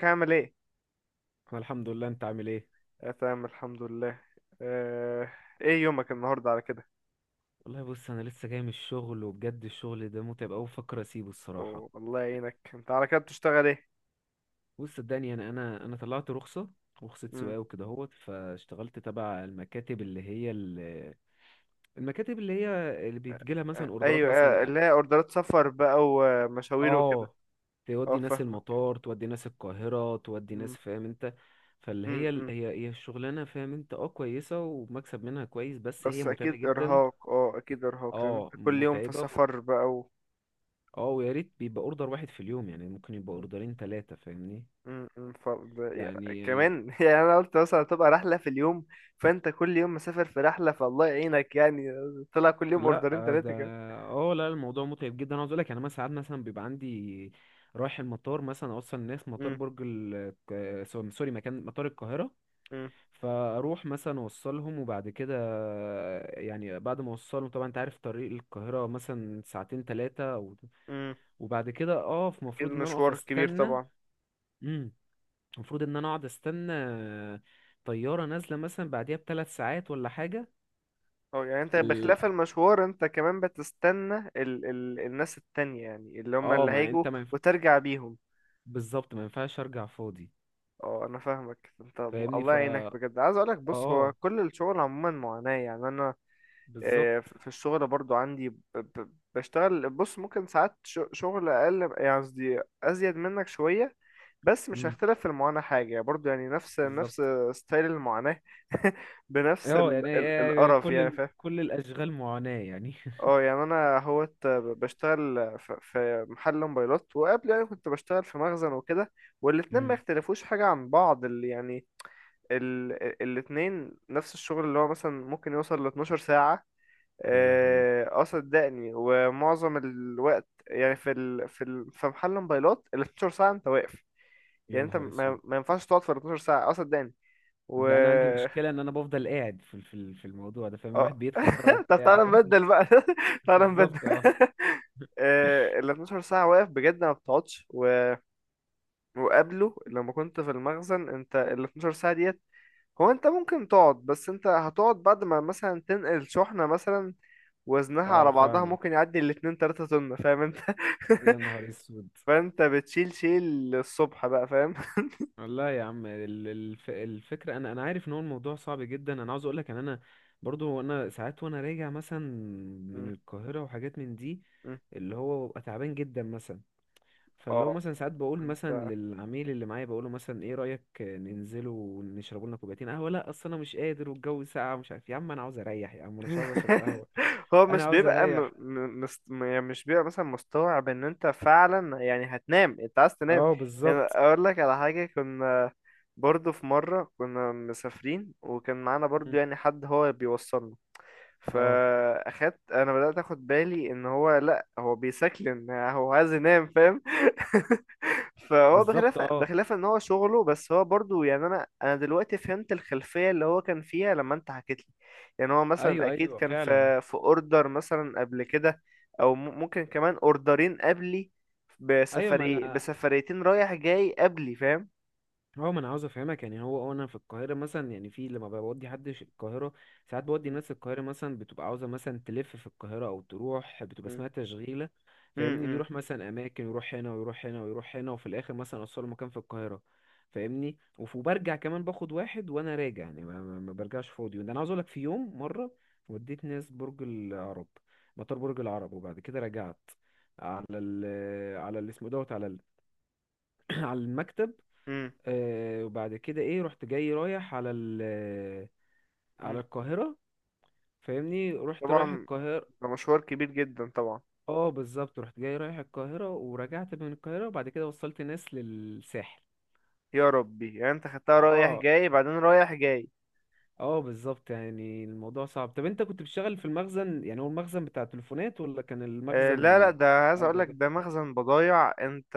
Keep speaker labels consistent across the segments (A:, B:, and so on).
A: ازيك عامل ايه؟
B: انا الحمد لله. انت عامل ايه؟
A: آه، تمام الحمد لله. آه. ايه يومك النهارده على كده؟
B: والله بص، انا لسه جاي من الشغل، وبجد الشغل ده متعب قوي، بفكر اسيبه الصراحه.
A: أوه، الله يعينك. انت على كده بتشتغل ايه؟
B: بص صدقني، انا طلعت رخصه، رخصه
A: مم.
B: سواقه وكده اهوت، فاشتغلت تبع المكاتب اللي هي المكاتب اللي هي اللي بيتجيلها
A: آه،
B: مثلا اوردرات
A: ايوه. آه،
B: مثلا.
A: اللي هي اوردرات سفر بقى ومشاوير وكده.
B: اه،
A: اه،
B: تودي ناس
A: فاهمك.
B: المطار، تودي ناس القاهره، تودي
A: مم.
B: ناس، فاهم انت؟ فاللي
A: مم.
B: هي ال-
A: مم.
B: هي هي الشغلانه فاهم انت، اه كويسه ومكسب منها كويس، بس هي
A: بس
B: متعبه
A: اكيد
B: جدا.
A: ارهاق، لان
B: اه،
A: انت كل يوم في
B: متعبه.
A: سفر بقى و...
B: اه، ويا ريت بيبقى اوردر واحد في اليوم، يعني ممكن يبقى
A: مم.
B: اوردرين ثلاثة، فاهمني.
A: مم. مم.
B: يعني
A: كمان يعني انا قلت مثلا تبقى رحله في اليوم. فانت كل يوم مسافر في رحله، فالله يعينك يعني. طلع كل يوم
B: لا،
A: اوردرين
B: ده
A: ثلاثه كده.
B: اه لا، الموضوع متعب جدا، عاوز اقول لك. يعني مثلا ساعات مثلا بيبقى عندي رايح المطار، مثلا اوصل الناس مطار
A: مم.
B: برج سوري، مكان مطار القاهرة، فاروح مثلا اوصلهم. وبعد كده يعني بعد ما اوصلهم، طبعا انت عارف طريق القاهرة مثلا ساعتين ثلاثة،
A: مم.
B: وبعد كده اقف،
A: أكيد
B: المفروض ان انا اقف
A: مشوار كبير
B: استنى.
A: طبعا.
B: إمم. المفروض ان انا اقعد استنى طيارة نازلة، مثلا بعديها بـ 3 ساعات ولا حاجة.
A: اه، يعني انت
B: ال-
A: بخلاف المشوار انت كمان بتستنى ال الناس التانية، يعني اللي هم
B: اه
A: اللي
B: ما
A: هيجوا
B: انت ما ينف-
A: وترجع بيهم.
B: بالظبط، ما ينفعش ارجع فاضي،
A: اه، انا فاهمك انت.
B: فاهمني.
A: الله
B: ف
A: يعينك بجد. عايز اقولك بص، هو
B: اه
A: كل الشغل عموما معاناة يعني. انا آه،
B: بالظبط.
A: في الشغل برضو عندي، ب ب بشتغل بص ممكن ساعات شغل اقل، يعني قصدي ازيد منك شوية. بس مش
B: امم
A: هختلف في المعاناة حاجة، يعني برضو يعني نفس
B: بالظبط.
A: نفس ستايل المعاناة. بنفس
B: اه
A: ال
B: يعني
A: ال القرف، يعني فاهم.
B: كل الاشغال معاناة يعني.
A: اه، يعني انا هوت بشتغل في محل موبايلات، وقبل يعني كنت بشتغل في مخزن وكده. والاتنين ما
B: امم.
A: يختلفوش حاجة عن بعض اللي يعني الاتنين نفس الشغل، اللي هو مثلا ممكن يوصل ل 12 ساعة.
B: يا لهوي،
A: اه، آه، صدقني، ومعظم الوقت يعني في محل موبايلات ال 12 ساعة انت واقف.
B: يا
A: يعني انت
B: نهار
A: ما,
B: اسود.
A: ما ينفعش تقعد في ال 12 ساعة، اه صدقني.
B: ده انا عندي مشكلة ان انا بفضل قاعد في الموضوع ده، فاهم؟
A: اه
B: الواحد بيتخن بقى
A: طب
B: وبتاع.
A: تعالى نبدل بقى تعالى نبدل
B: بالظبط. اه،
A: آه، ال 12 ساعة واقف بجد ما بتقعدش، وقبله لما كنت في المخزن انت ال 12 ساعة ديت. هو انت ممكن تقعد، بس انت هتقعد بعد ما مثلا تنقل شحنة، مثلا وزنها
B: اه،
A: على بعضها ممكن
B: فاهمك.
A: يعدي الاتنين تلاتة طن، فاهم انت.
B: يا نهار اسود.
A: فانت بتشيل شيل الصبح بقى، فاهم.
B: والله يا عم، الفكرة أنا عارف إن هو الموضوع صعب جدا، أنا عاوز أقولك إن أنا برضو، أنا ساعات وأنا راجع مثلا من
A: م-
B: القاهرة وحاجات من دي،
A: م.
B: اللي هو ببقى تعبان جدا مثلا. فاللي هو
A: اه،
B: مثلا ساعات بقول
A: انت
B: مثلا للعميل اللي معايا، بقوله مثلا: إيه رأيك ننزلوا ونشربوا لنا كوبايتين قهوة؟ لأ، أصل أنا مش قادر، والجو ساقع ومش عارف يا عم، أنا عاوز أريح يا عم، أنا مش عاوز أشرب قهوة.
A: هو
B: أنا
A: مش
B: عاوز
A: بيبقى
B: أريح.
A: يعني مش بيبقى مثلا مستوعب ان انت فعلا يعني هتنام، انت عايز تنام.
B: أه،
A: يعني
B: بالظبط.
A: اقول لك على حاجة. كنا برضو في مرة كنا مسافرين، وكان معانا برضو
B: مم.
A: يعني حد هو بيوصلنا.
B: أه،
A: فاخدت انا بدأت اخد بالي ان هو، لا، هو بيسكلن، هو عايز ينام، فاهم. فهو
B: بالظبط.
A: بخلاف
B: أه،
A: بخلاف ان هو شغله، بس هو برضو يعني انا دلوقتي فهمت الخلفية اللي هو كان فيها لما انت حكيت لي. يعني هو مثلا
B: أيوه،
A: اكيد
B: أيوه
A: كان
B: فعلا.
A: في اوردر مثلا قبل كده، او ممكن كمان اوردرين قبلي،
B: ايوه، ما انا،
A: بسفريتين رايح جاي قبلي، فاهم.
B: هو ما انا عاوز افهمك يعني، هو انا في القاهره مثلا، يعني في لما بودي حد القاهره. ساعات بودي ناس القاهره مثلا، بتبقى عاوزه مثلا تلف في القاهره او تروح، بتبقى
A: م-
B: اسمها تشغيله،
A: م-
B: فاهمني؟
A: م-
B: بيروح مثلا اماكن، يروح هنا ويروح هنا ويروح هنا، وفي الاخر مثلا اوصله مكان في القاهره، فاهمني. وبرجع كمان باخد واحد وانا راجع، يعني ما برجعش فاضي. وده انا عاوز اقول لك، في يوم مره وديت ناس برج العرب، مطار برج العرب، وبعد كده رجعت على ال على اللي اسمه دوت، على المكتب.
A: م-
B: وبعد كده ايه، رحت جاي رايح على ال آه،
A: م-
B: على القاهرة، فاهمني، رحت رايح
A: طبعا.
B: القاهرة.
A: ده مشوار كبير جدا طبعا.
B: اه بالظبط، رحت جاي رايح القاهرة ورجعت من القاهرة، وبعد كده وصلت ناس للساحل.
A: يا ربي، يعني انت خدتها رايح
B: اه،
A: جاي بعدين رايح جاي.
B: اه بالظبط، يعني الموضوع صعب. طب انت كنت بتشتغل في المخزن، يعني هو المخزن بتاع التليفونات ولا كان
A: آه، لا لا،
B: المخزن
A: ده عايز اقول
B: حاجة؟
A: لك
B: ده
A: ده مخزن بضايع انت.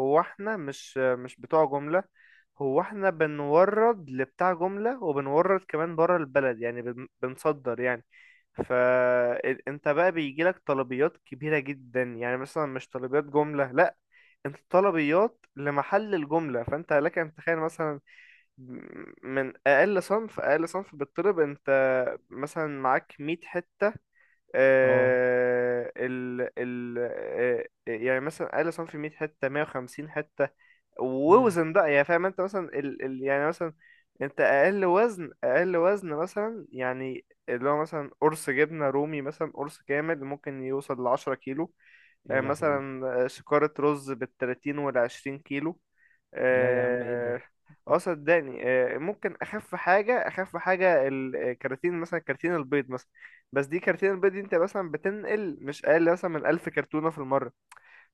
A: هو احنا مش بتوع جملة. هو احنا بنورد لبتاع جملة، وبنورد كمان بره البلد يعني، بنصدر يعني. فانت بقى بيجيلك طلبيات كبيرة جدا يعني، مثلا مش طلبيات جملة، لا، انت طلبيات لمحل الجملة. فانت لك ان تتخيل مثلا من اقل صنف بالطلب، انت مثلا معاك 100 حتة.
B: اه.
A: آه، ال ال آه، يعني مثلا اقل صنف 100 حته، 150 حته،
B: مم.
A: ووزن بقى يعني، فاهم انت مثلا ال يعني مثلا انت اقل وزن مثلا، يعني اللي هو مثلا قرص جبنه رومي، مثلا قرص كامل ممكن يوصل ل 10 كيلو. آه،
B: يا لهوي.
A: مثلا آه، شكارة رز بالتلاتين والعشرين كيلو.
B: لا يا عم، ايه
A: اه
B: ده؟
A: آه، صدقني، آه، ممكن اخف حاجه الكراتين مثلا، كراتين البيض مثلا. بس دي كراتين البيض دي انت مثلا بتنقل مش اقل مثلا من 1000 كرتونه في المره.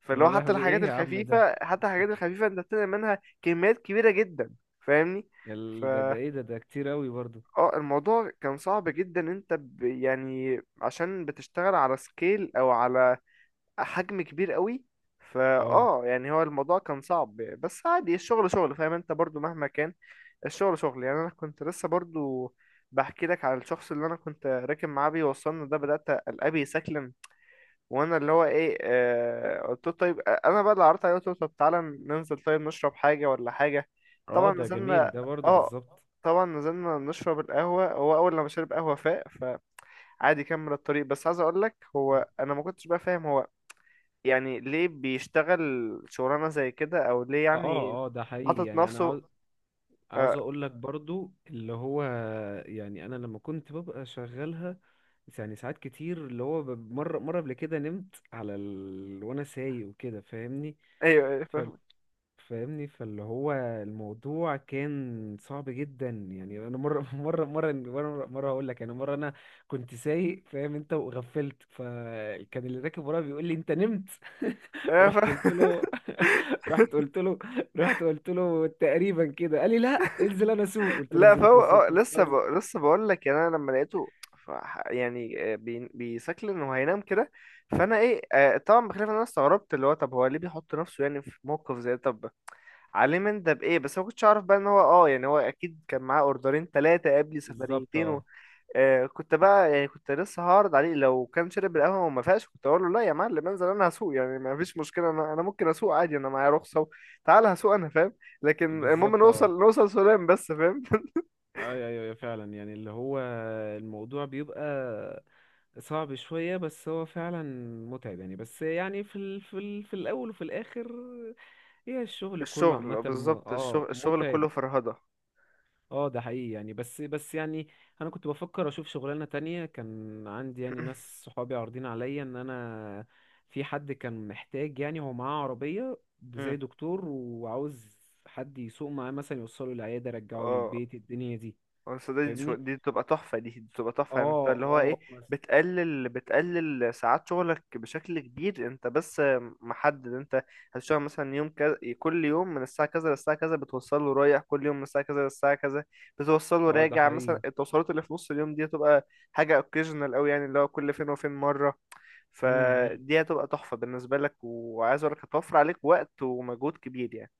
A: فاللي هو
B: يا
A: حتى
B: لهوي،
A: الحاجات
B: ايه يا عم ده؟
A: الخفيفه حتى الحاجات الخفيفه انت بتنقل منها كميات كبيره جدا، فاهمني. ف
B: ده ايه ده؟ ده كتير اوي برضو.
A: اه الموضوع كان صعب جدا. انت يعني عشان بتشتغل على سكيل، او على حجم كبير قوي.
B: اه،
A: يعني هو الموضوع كان صعب، بس عادي. الشغل شغل، فاهم انت. برضو مهما كان الشغل شغل يعني. انا كنت لسه برضو بحكي لك على الشخص اللي انا كنت راكب معاه بيوصلنا ده، بدأت قلبي يسكلم، وانا اللي هو ايه. آه، قلت له طيب. آه، انا بقى اللي عرضت عليه، قلت له طب تعالى ننزل، طيب نشرب حاجة ولا حاجة.
B: اه
A: طبعا
B: ده جميل
A: نزلنا
B: ده برضو،
A: اه
B: بالظبط.
A: طبعا نزلنا نشرب القهوة. هو أول لما شرب قهوة فاق، فعادي كمل الطريق. بس عايز أقولك، هو أنا ما كنتش بقى فاهم، هو يعني ليه بيشتغل شغلانة زي كده، او ليه يعني
B: اه، اه، ده حقيقي
A: حاطط
B: يعني، انا
A: نفسه.
B: عاوز
A: آه،
B: اقول لك برضو اللي هو، يعني انا لما كنت ببقى شغالها، يعني ساعات كتير اللي هو مرة قبل كده نمت وانا سايق وكده، فاهمني
A: ايوه ايوه فاهم.
B: فاهمني. فاللي هو الموضوع كان صعب جدا، يعني انا مره مره هقول لك، يعني مره انا كنت سايق فاهم انت، وغفلت، فكان اللي راكب ورايا بيقول لي: انت نمت.
A: ايوه
B: رحت قلت
A: فاهم.
B: له رحت قلت له رحت قلت له تقريبا كده، قال لي: لا انزل انا اسوق. قلت له:
A: لا،
B: انزل انت
A: فهو
B: اسوق؟ أنت
A: لسه
B: بتهزر.
A: لسه بقول لك، يعني انا لما لقيته ف... يعني آه، بيسكل انه هينام كده. فانا ايه آه طبعا بخلاف إن انا استغربت اللي هو، طب هو ليه بيحط نفسه يعني في موقف زي ده؟ طب عليه من ده بايه؟ بس ما كنتش اعرف بقى ان هو يعني هو اكيد كان معاه اوردرين ثلاثة قبل
B: بالظبط
A: سفريتين.
B: اه،
A: آه، كنت بقى يعني كنت لسه هعرض عليه لو كان شرب القهوة وما فيهاش، كنت اقول له لا يا معلم انزل انا هسوق، يعني ما فيش مشكلة، انا ممكن اسوق عادي، انا معايا رخصة. تعال هسوق انا، فاهم. لكن المهم
B: بالظبط اه.
A: نوصل سلام بس، فاهم.
B: ايوه، ايوه، أيوة فعلا، يعني اللي هو الموضوع بيبقى صعب شوية، بس هو فعلا متعب يعني. بس يعني في الأول وفي الآخر هي الشغل كله عامة،
A: الشغل
B: م...
A: بالظبط،
B: اه
A: الشغل
B: متعب.
A: كله فرهدة.
B: اه ده حقيقي يعني. بس يعني، أنا كنت بفكر أشوف شغلانة تانية. كان عندي يعني ناس صحابي عارضين عليا إن أنا، في حد كان محتاج، يعني هو معاه عربية
A: مم.
B: زي دكتور، وعاوز حد يسوق معاه مثلا، يوصله العيادة يرجعه
A: اه،
B: للبيت، الدنيا دي،
A: بس دي
B: فاهمني؟
A: دي بتبقى تحفة، دي بتبقى تحفة، يعني انت
B: اه،
A: اللي هو
B: اه
A: ايه.
B: بس.
A: بتقلل ساعات شغلك بشكل كبير. انت بس محدد، انت هتشتغل مثلا يوم كذا، كل يوم من الساعة كذا للساعة كذا بتوصله رايح، كل يوم من الساعة كذا للساعة كذا بتوصله
B: اه ده
A: راجع. مثلا
B: حقيقي.
A: التوصيلات اللي في نص اليوم دي هتبقى حاجة اوكيجنال قوي، يعني اللي هو كل فين وفين مرة.
B: مم، مم.
A: فدي هتبقى تحفة بالنسبة لك، وعايز اقولك هتوفر عليك وقت ومجهود كبير يعني.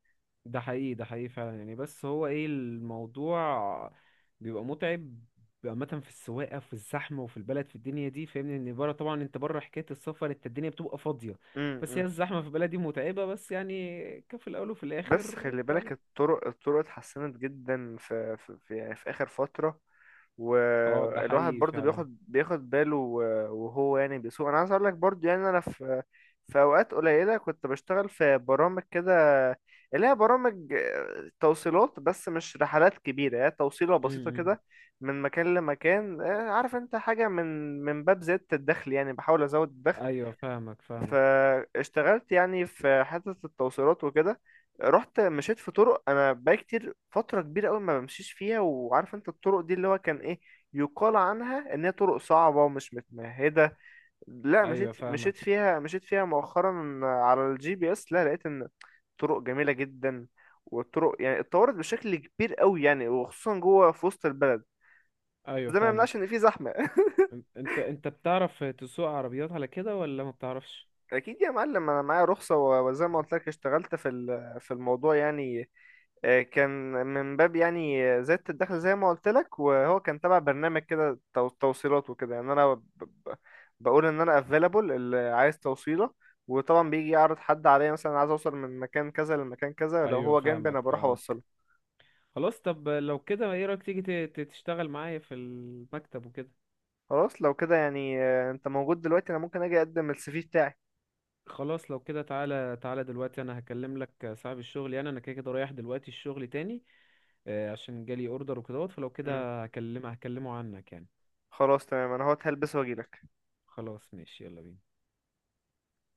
B: ده حقيقي، ده حقيقي فعلا يعني، بس هو ايه، الموضوع بيبقى متعب عامة، في السواقة، في الزحمة، وفي البلد، في الدنيا دي، فاهمني. ان بره طبعا، انت بره حكاية السفر، انت الدنيا بتبقى فاضية. بس
A: امم.
B: هي الزحمة في البلد دي متعبة، بس يعني كفي الأول وفي
A: بس
B: الآخر
A: خلي
B: فعلا.
A: بالك، الطرق اتحسنت جدا يعني في آخر فترة.
B: اه ده
A: والواحد
B: حقيقي
A: برضو
B: فعلا.
A: بياخد باله وهو يعني بيسوق. انا عايز اقول لك برضو، يعني انا في اوقات قليلة كنت بشتغل في برامج كده، اللي هي برامج آه، توصيلات. بس مش رحلات كبيرة، هي توصيلة بسيطة
B: امم.
A: كده، من مكان لمكان. آه، عارف انت حاجة، من باب زيادة الدخل يعني، بحاول ازود الدخل.
B: ايوه، فاهمك، فاهمك.
A: فاشتغلت يعني في حتة التوصيلات وكده. رحت مشيت في طرق انا بقى كتير، فترة كبيرة قوي ما بمشيش فيها، وعارف انت الطرق دي اللي هو كان ايه، يقال عنها ان هي طرق صعبة ومش متمهدة. لا،
B: ايوه، فاهمك.
A: مشيت فيها مؤخرا على الجي بي اس، لا لقيت ان طرق جميلة جدا. والطرق يعني اتطورت بشكل كبير قوي يعني، وخصوصا جوه في وسط البلد.
B: ايوه،
A: ده ما يمنعش ان
B: فاهمك.
A: في زحمة.
B: انت بتعرف تسوق عربيات على كده ولا ما بتعرفش؟
A: اكيد يا معلم، انا معايا رخصه، وزي ما قلت لك اشتغلت في الموضوع يعني. آه، كان من باب يعني آه، زيادة الدخل زي ما قلت لك. وهو كان تبع برنامج كده توصيلات وكده. يعني انا ب- بقول ان انا افيلابل اللي عايز توصيلة. وطبعا بيجي يعرض حد عليا مثلا عايز اوصل من مكان كذا لمكان كذا، لو
B: ايوه،
A: هو جنبي
B: فاهمك،
A: انا بروح اوصله.
B: فاهمك. خلاص، طب لو كده ايه رأيك تيجي تشتغل معايا في المكتب وكده؟
A: خلاص لو كده يعني. آه، انت موجود دلوقتي؟ انا ممكن اجي اقدم السي في بتاعي.
B: خلاص لو كده، تعالى تعالى دلوقتي، انا هكلم لك صاحب الشغل، يعني انا كده كده رايح دلوقتي الشغل تاني، عشان جالي اوردر وكده. فلو
A: مم.
B: كده هكلمه عنك يعني.
A: خلاص تمام، انا هلبس واجيلك.
B: خلاص ماشي، يلا بينا.